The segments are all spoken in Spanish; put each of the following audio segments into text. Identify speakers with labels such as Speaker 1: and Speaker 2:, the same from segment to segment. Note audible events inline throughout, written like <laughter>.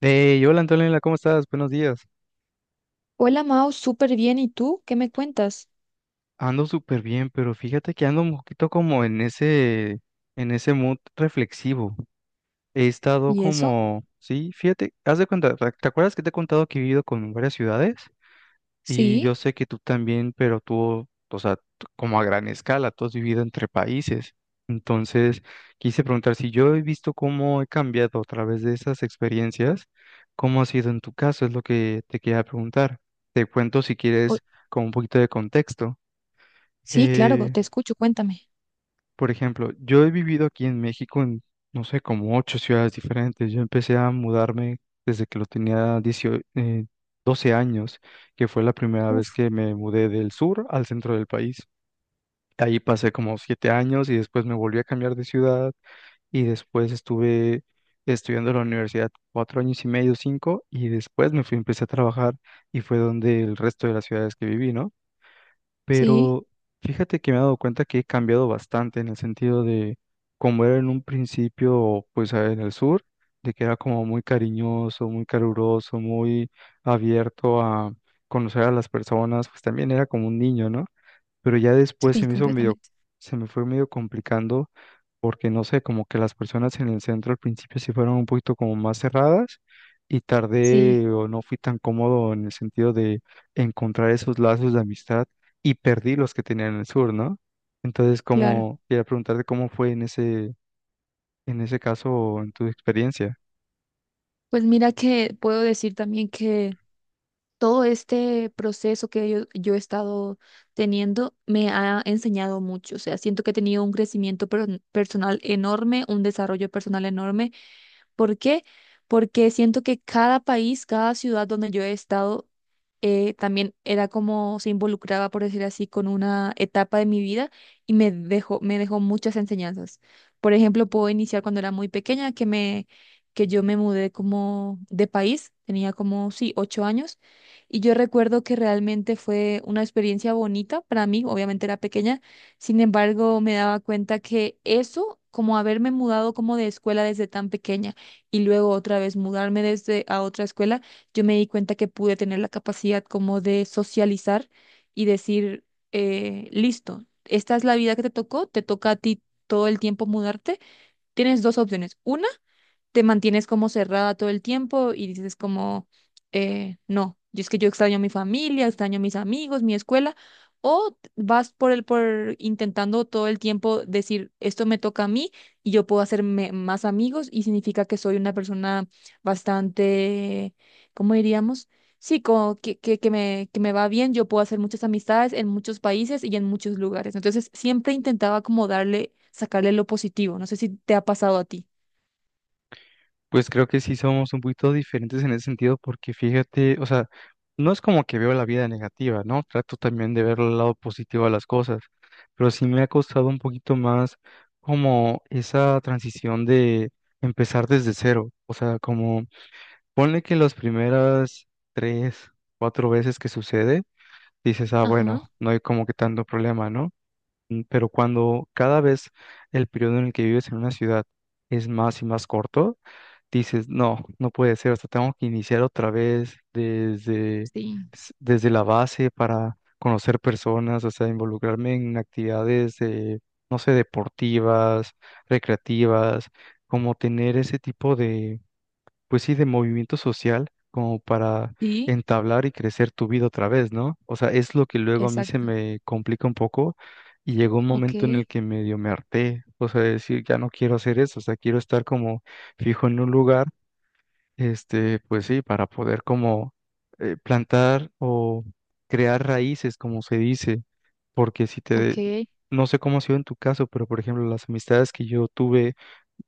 Speaker 1: Hey, hola Antonella, ¿cómo estás? Buenos días.
Speaker 2: Hola Mao, súper bien. ¿Y tú? ¿Qué me cuentas?
Speaker 1: Ando súper bien, pero fíjate que ando un poquito como en ese mood reflexivo. He estado
Speaker 2: ¿Y eso?
Speaker 1: como, sí, fíjate, haz de cuenta, ¿te acuerdas que te he contado que he vivido con varias ciudades? Y yo
Speaker 2: Sí,
Speaker 1: sé que tú también, pero tú, o sea, tú- como a gran escala, tú has vivido entre países. Entonces, quise preguntar si yo he visto cómo he cambiado a través de esas experiencias, cómo ha sido en tu caso, es lo que te quería preguntar. Te cuento si
Speaker 2: o-
Speaker 1: quieres con un poquito de contexto.
Speaker 2: sí, claro,
Speaker 1: Eh,
Speaker 2: te escucho, cuéntame.
Speaker 1: por ejemplo, yo he vivido aquí en México en, no sé, como 8 ciudades diferentes. Yo empecé a mudarme desde que lo tenía 18, 12 años, que fue la primera vez
Speaker 2: Uf,
Speaker 1: que me mudé del sur al centro del país. De ahí pasé como 7 años y después me volví a cambiar de ciudad y después estuve estudiando en la universidad 4 años y medio, cinco, y después me fui, empecé a trabajar y fue donde el resto de las ciudades que viví, ¿no?
Speaker 2: sí,
Speaker 1: Pero fíjate que me he dado cuenta que he cambiado bastante en el sentido de como era en un principio, pues en el sur, de que era como muy cariñoso, muy caluroso, muy abierto a conocer a las personas, pues también era como un niño, ¿no? Pero ya después se
Speaker 2: sí,
Speaker 1: me hizo medio,
Speaker 2: completamente.
Speaker 1: se me fue medio complicando porque no sé, como que las personas en el centro al principio sí fueron un poquito como más cerradas y
Speaker 2: Sí,
Speaker 1: tardé o no fui tan cómodo en el sentido de encontrar esos lazos de amistad y perdí los que tenía en el sur, ¿no? Entonces,
Speaker 2: claro.
Speaker 1: como quería preguntarte cómo fue en ese caso, en tu experiencia.
Speaker 2: Pues mira que puedo decir también que todo este proceso que yo he estado teniendo me ha enseñado mucho. O sea, siento que he tenido un crecimiento personal enorme, un desarrollo personal enorme. ¿Por qué? Porque siento que cada país, cada ciudad donde yo he estado, también era como se involucraba, por decir así, con una etapa de mi vida y me dejó muchas enseñanzas. Por ejemplo, puedo iniciar cuando era muy pequeña, que yo me mudé como de país, tenía como, sí, 8 años, y yo recuerdo que realmente fue una experiencia bonita para mí. Obviamente era pequeña, sin embargo, me daba cuenta que eso, como haberme mudado como de escuela desde tan pequeña, y luego otra vez mudarme desde a otra escuela, yo me di cuenta que pude tener la capacidad como de socializar y decir, listo, esta es la vida que te tocó, te toca a ti todo el tiempo mudarte. Tienes dos opciones. Una, te mantienes como cerrada todo el tiempo y dices como, no, yo es que yo extraño a mi familia, extraño a mis amigos, mi escuela, o vas por intentando todo el tiempo decir, esto me toca a mí y yo puedo hacerme más amigos y significa que soy una persona bastante, ¿cómo diríamos? Sí, como que me va bien, yo puedo hacer muchas amistades en muchos países y en muchos lugares. Entonces, siempre intentaba como darle, sacarle lo positivo. No sé si te ha pasado a ti.
Speaker 1: Pues creo que sí somos un poquito diferentes en ese sentido porque fíjate, o sea, no es como que veo la vida negativa, ¿no? Trato también de ver el lado positivo a las cosas, pero sí me ha costado un poquito más como esa transición de empezar desde cero, o sea, como ponle que las primeras tres, cuatro veces que sucede, dices, ah,
Speaker 2: Ajá.
Speaker 1: bueno, no hay como que tanto problema, ¿no? Pero cuando cada vez el periodo en el que vives en una ciudad es más y más corto, dices, no, no puede ser, hasta tengo que iniciar otra vez desde,
Speaker 2: Sí,
Speaker 1: desde la base para conocer personas, o sea, involucrarme en actividades de, no sé, deportivas, recreativas, como tener ese tipo pues sí, de movimiento social como para
Speaker 2: sí,
Speaker 1: entablar y crecer tu vida otra vez, ¿no? O sea, es lo que luego a mí se
Speaker 2: exacto.
Speaker 1: me complica un poco y llegó un
Speaker 2: Ok,
Speaker 1: momento en el que medio me harté, o sea, de decir, ya no quiero hacer eso, o sea, quiero estar como fijo en un lugar, este, pues sí, para poder como plantar o crear raíces, como se dice, porque si te,
Speaker 2: ok,
Speaker 1: no sé cómo ha sido en tu caso, pero por ejemplo, las amistades que yo tuve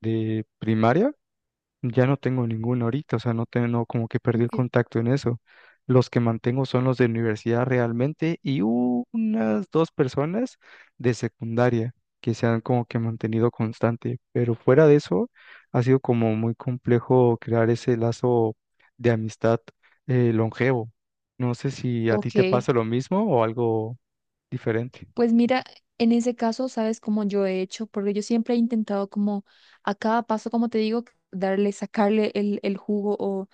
Speaker 1: de primaria, ya no tengo ninguno ahorita, o sea, no tengo como que perdí el
Speaker 2: ok.
Speaker 1: contacto en eso. Los que mantengo son los de universidad realmente y unas dos personas de secundaria que se han como que mantenido constante, pero fuera de eso ha sido como muy complejo crear ese lazo de amistad longevo. No sé si a ti
Speaker 2: Ok.
Speaker 1: te pasa lo mismo o algo diferente.
Speaker 2: Pues mira, en ese caso, ¿sabes cómo yo he hecho? Porque yo siempre he intentado como a cada paso, como te digo, darle, sacarle el jugo o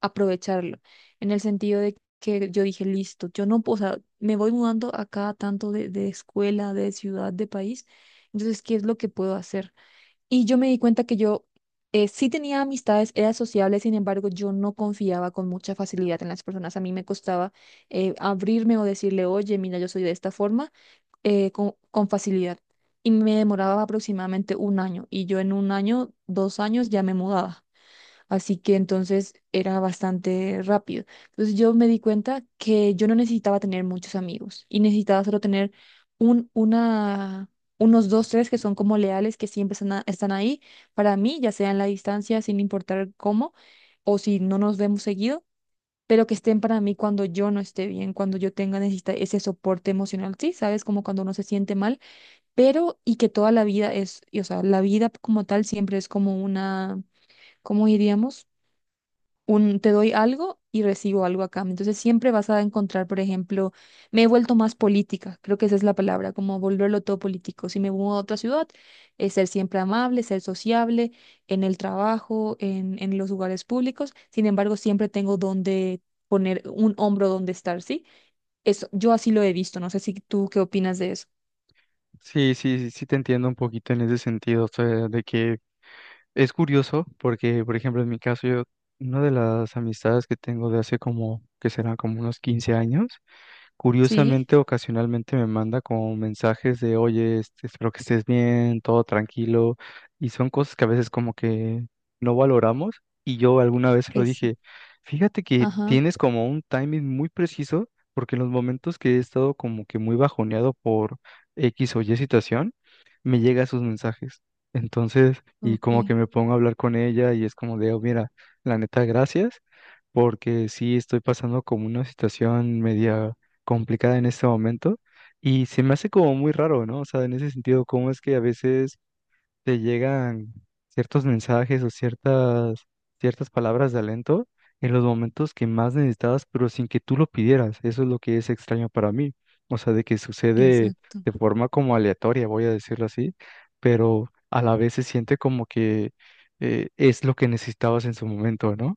Speaker 2: aprovecharlo. En el sentido de que yo dije, listo, yo no, puedo, o sea, me voy mudando a cada tanto de escuela, de ciudad, de país. Entonces, ¿qué es lo que puedo hacer? Y yo me di cuenta que yo sí tenía amistades, era sociable, sin embargo, yo no confiaba con mucha facilidad en las personas. A mí me costaba abrirme o decirle, oye, mira, yo soy de esta forma, con facilidad. Y me demoraba aproximadamente un año. Y yo en un año, 2 años, ya me mudaba. Así que entonces era bastante rápido. Entonces yo me di cuenta que yo no necesitaba tener muchos amigos y necesitaba solo tener un, una, unos dos, tres que son como leales, que siempre están, están ahí para mí, ya sea en la distancia, sin importar cómo, o si no nos vemos seguido, pero que estén para mí cuando yo no esté bien, cuando yo tenga necesita ese soporte emocional, sí, sabes, como cuando uno se siente mal, pero y que toda la vida es, y, o sea, la vida como tal siempre es como una, ¿cómo diríamos? Te doy algo y recibo algo a cambio. Entonces siempre vas a encontrar, por ejemplo, me he vuelto más política, creo que esa es la palabra, como volverlo todo político. Si me mudo a otra ciudad, es ser siempre amable, ser sociable en el trabajo, en los lugares públicos. Sin embargo, siempre tengo donde poner un hombro donde estar, ¿sí? Eso, yo así lo he visto, no sé si tú qué opinas de eso.
Speaker 1: Sí, sí, sí, sí te entiendo un poquito en ese sentido, o sea, de que es curioso porque, por ejemplo, en mi caso, yo, una de las amistades que tengo de hace como, que será como unos 15 años,
Speaker 2: Sí,
Speaker 1: curiosamente, ocasionalmente me manda como mensajes de, oye, este, espero que estés bien, todo tranquilo, y son cosas que a veces como que no valoramos, y yo alguna vez se lo
Speaker 2: esa,
Speaker 1: dije, fíjate que
Speaker 2: ajá,
Speaker 1: tienes como un timing muy preciso, porque en los momentos que he estado como que muy bajoneado por X o Y situación, me llega sus mensajes. Entonces, y
Speaker 2: ok,
Speaker 1: como que me pongo a hablar con ella y es como de, "Oh, mira, la neta, gracias, porque sí estoy pasando como una situación media complicada en este momento y se me hace como muy raro, ¿no? O sea, en ese sentido, ¿cómo es que a veces te llegan ciertos mensajes o ciertas, ciertas palabras de alento en los momentos que más necesitabas, pero sin que tú lo pidieras? Eso es lo que es extraño para mí. O sea, de que sucede
Speaker 2: exacto.
Speaker 1: de forma como aleatoria, voy a decirlo así, pero a la vez se siente como que es lo que necesitabas en su momento, ¿no?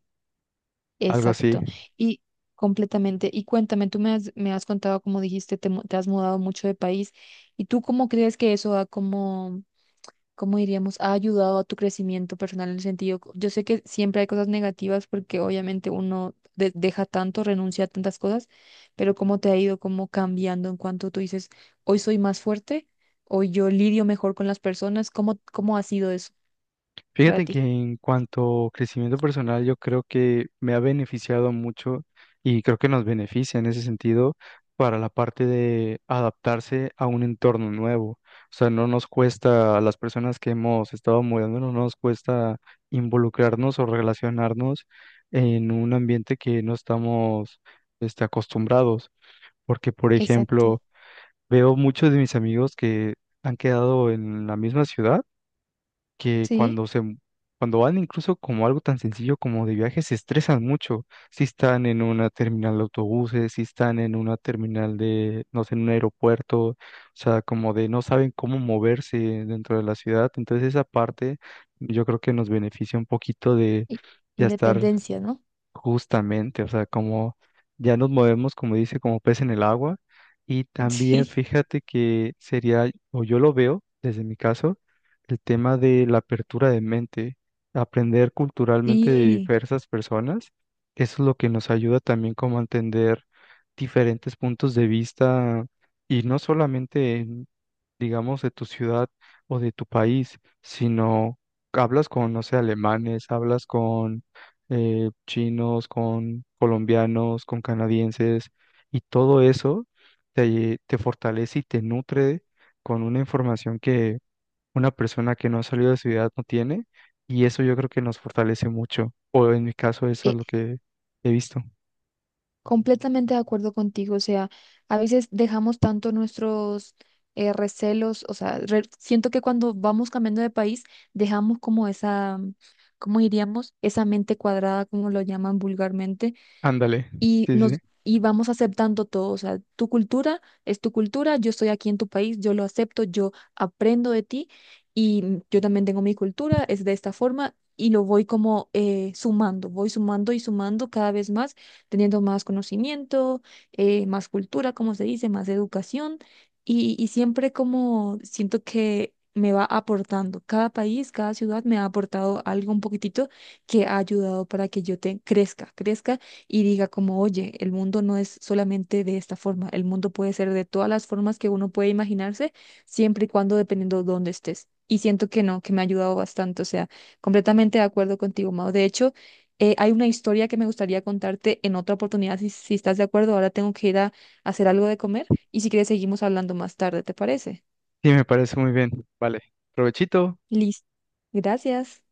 Speaker 1: Algo así.
Speaker 2: Exacto. Y completamente. Y cuéntame, tú me has, contado, como dijiste, te has mudado mucho de país. ¿Y tú cómo crees que eso ha, como, cómo diríamos, ha ayudado a tu crecimiento personal en el sentido? Yo sé que siempre hay cosas negativas porque obviamente uno deja tanto, renuncia a tantas cosas, pero ¿cómo te ha ido como cambiando en cuanto tú dices, hoy soy más fuerte, hoy yo lidio mejor con las personas? ¿Cómo ha sido eso para
Speaker 1: Fíjate que
Speaker 2: ti?
Speaker 1: en cuanto a crecimiento personal, yo creo que me ha beneficiado mucho y creo que nos beneficia en ese sentido para la parte de adaptarse a un entorno nuevo. O sea, no nos cuesta, a las personas que hemos estado mudando, no nos cuesta involucrarnos o relacionarnos en un ambiente que no estamos este, acostumbrados. Porque, por
Speaker 2: Exacto.
Speaker 1: ejemplo, veo muchos de mis amigos que han quedado en la misma ciudad que
Speaker 2: Sí.
Speaker 1: cuando se, cuando van incluso como algo tan sencillo como de viaje, se estresan mucho. Si están en una terminal de autobuses, si están en una terminal de, no sé, en un aeropuerto, o sea, como de no saben cómo moverse dentro de la ciudad. Entonces esa parte yo creo que nos beneficia un poquito de
Speaker 2: Y-
Speaker 1: ya estar
Speaker 2: Independencia, ¿no?
Speaker 1: justamente, o sea, como ya nos movemos, como dice, como pez en el agua. Y
Speaker 2: <laughs>
Speaker 1: también
Speaker 2: Sí.
Speaker 1: fíjate que sería, o yo lo veo desde mi caso, el tema de la apertura de mente, aprender culturalmente de
Speaker 2: Sí,
Speaker 1: diversas personas, eso es lo que nos ayuda también como a entender diferentes puntos de vista y no solamente digamos, de tu ciudad o de tu país, sino hablas con, no sé, alemanes, hablas con chinos, con colombianos, con canadienses, y todo eso te, te fortalece y te nutre con una información que una persona que no ha salido de su ciudad no tiene, y eso yo creo que nos fortalece mucho, o en mi caso eso es
Speaker 2: eh,
Speaker 1: lo que he visto.
Speaker 2: completamente de acuerdo contigo. O sea, a veces dejamos tanto nuestros recelos, o sea, siento que cuando vamos cambiando de país, dejamos como esa, ¿cómo diríamos? Esa mente cuadrada, como lo llaman vulgarmente.
Speaker 1: Ándale,
Speaker 2: y
Speaker 1: sí,
Speaker 2: nos
Speaker 1: sí,
Speaker 2: y vamos aceptando todo, o sea, tu cultura es tu cultura, yo estoy aquí en tu país, yo lo acepto, yo aprendo de ti y yo también tengo mi cultura, es de esta forma y lo voy como sumando, voy sumando y sumando cada vez más, teniendo más conocimiento, más cultura, como se dice, más educación y siempre como siento que me va aportando, cada país, cada ciudad me ha aportado algo un poquitito que ha ayudado para que yo te crezca, crezca y diga como, oye, el mundo no es solamente de esta forma, el mundo puede ser de todas las formas que uno puede imaginarse, siempre y cuando dependiendo de dónde estés. Y siento que no, que me ha ayudado bastante, o sea, completamente de acuerdo contigo, Mao. De hecho, hay una historia que me gustaría contarte en otra oportunidad, si estás de acuerdo, ahora tengo que ir a hacer algo de comer y si quieres seguimos hablando más tarde, ¿te parece?
Speaker 1: sí, me parece muy bien, vale, provechito.
Speaker 2: Listo. Gracias.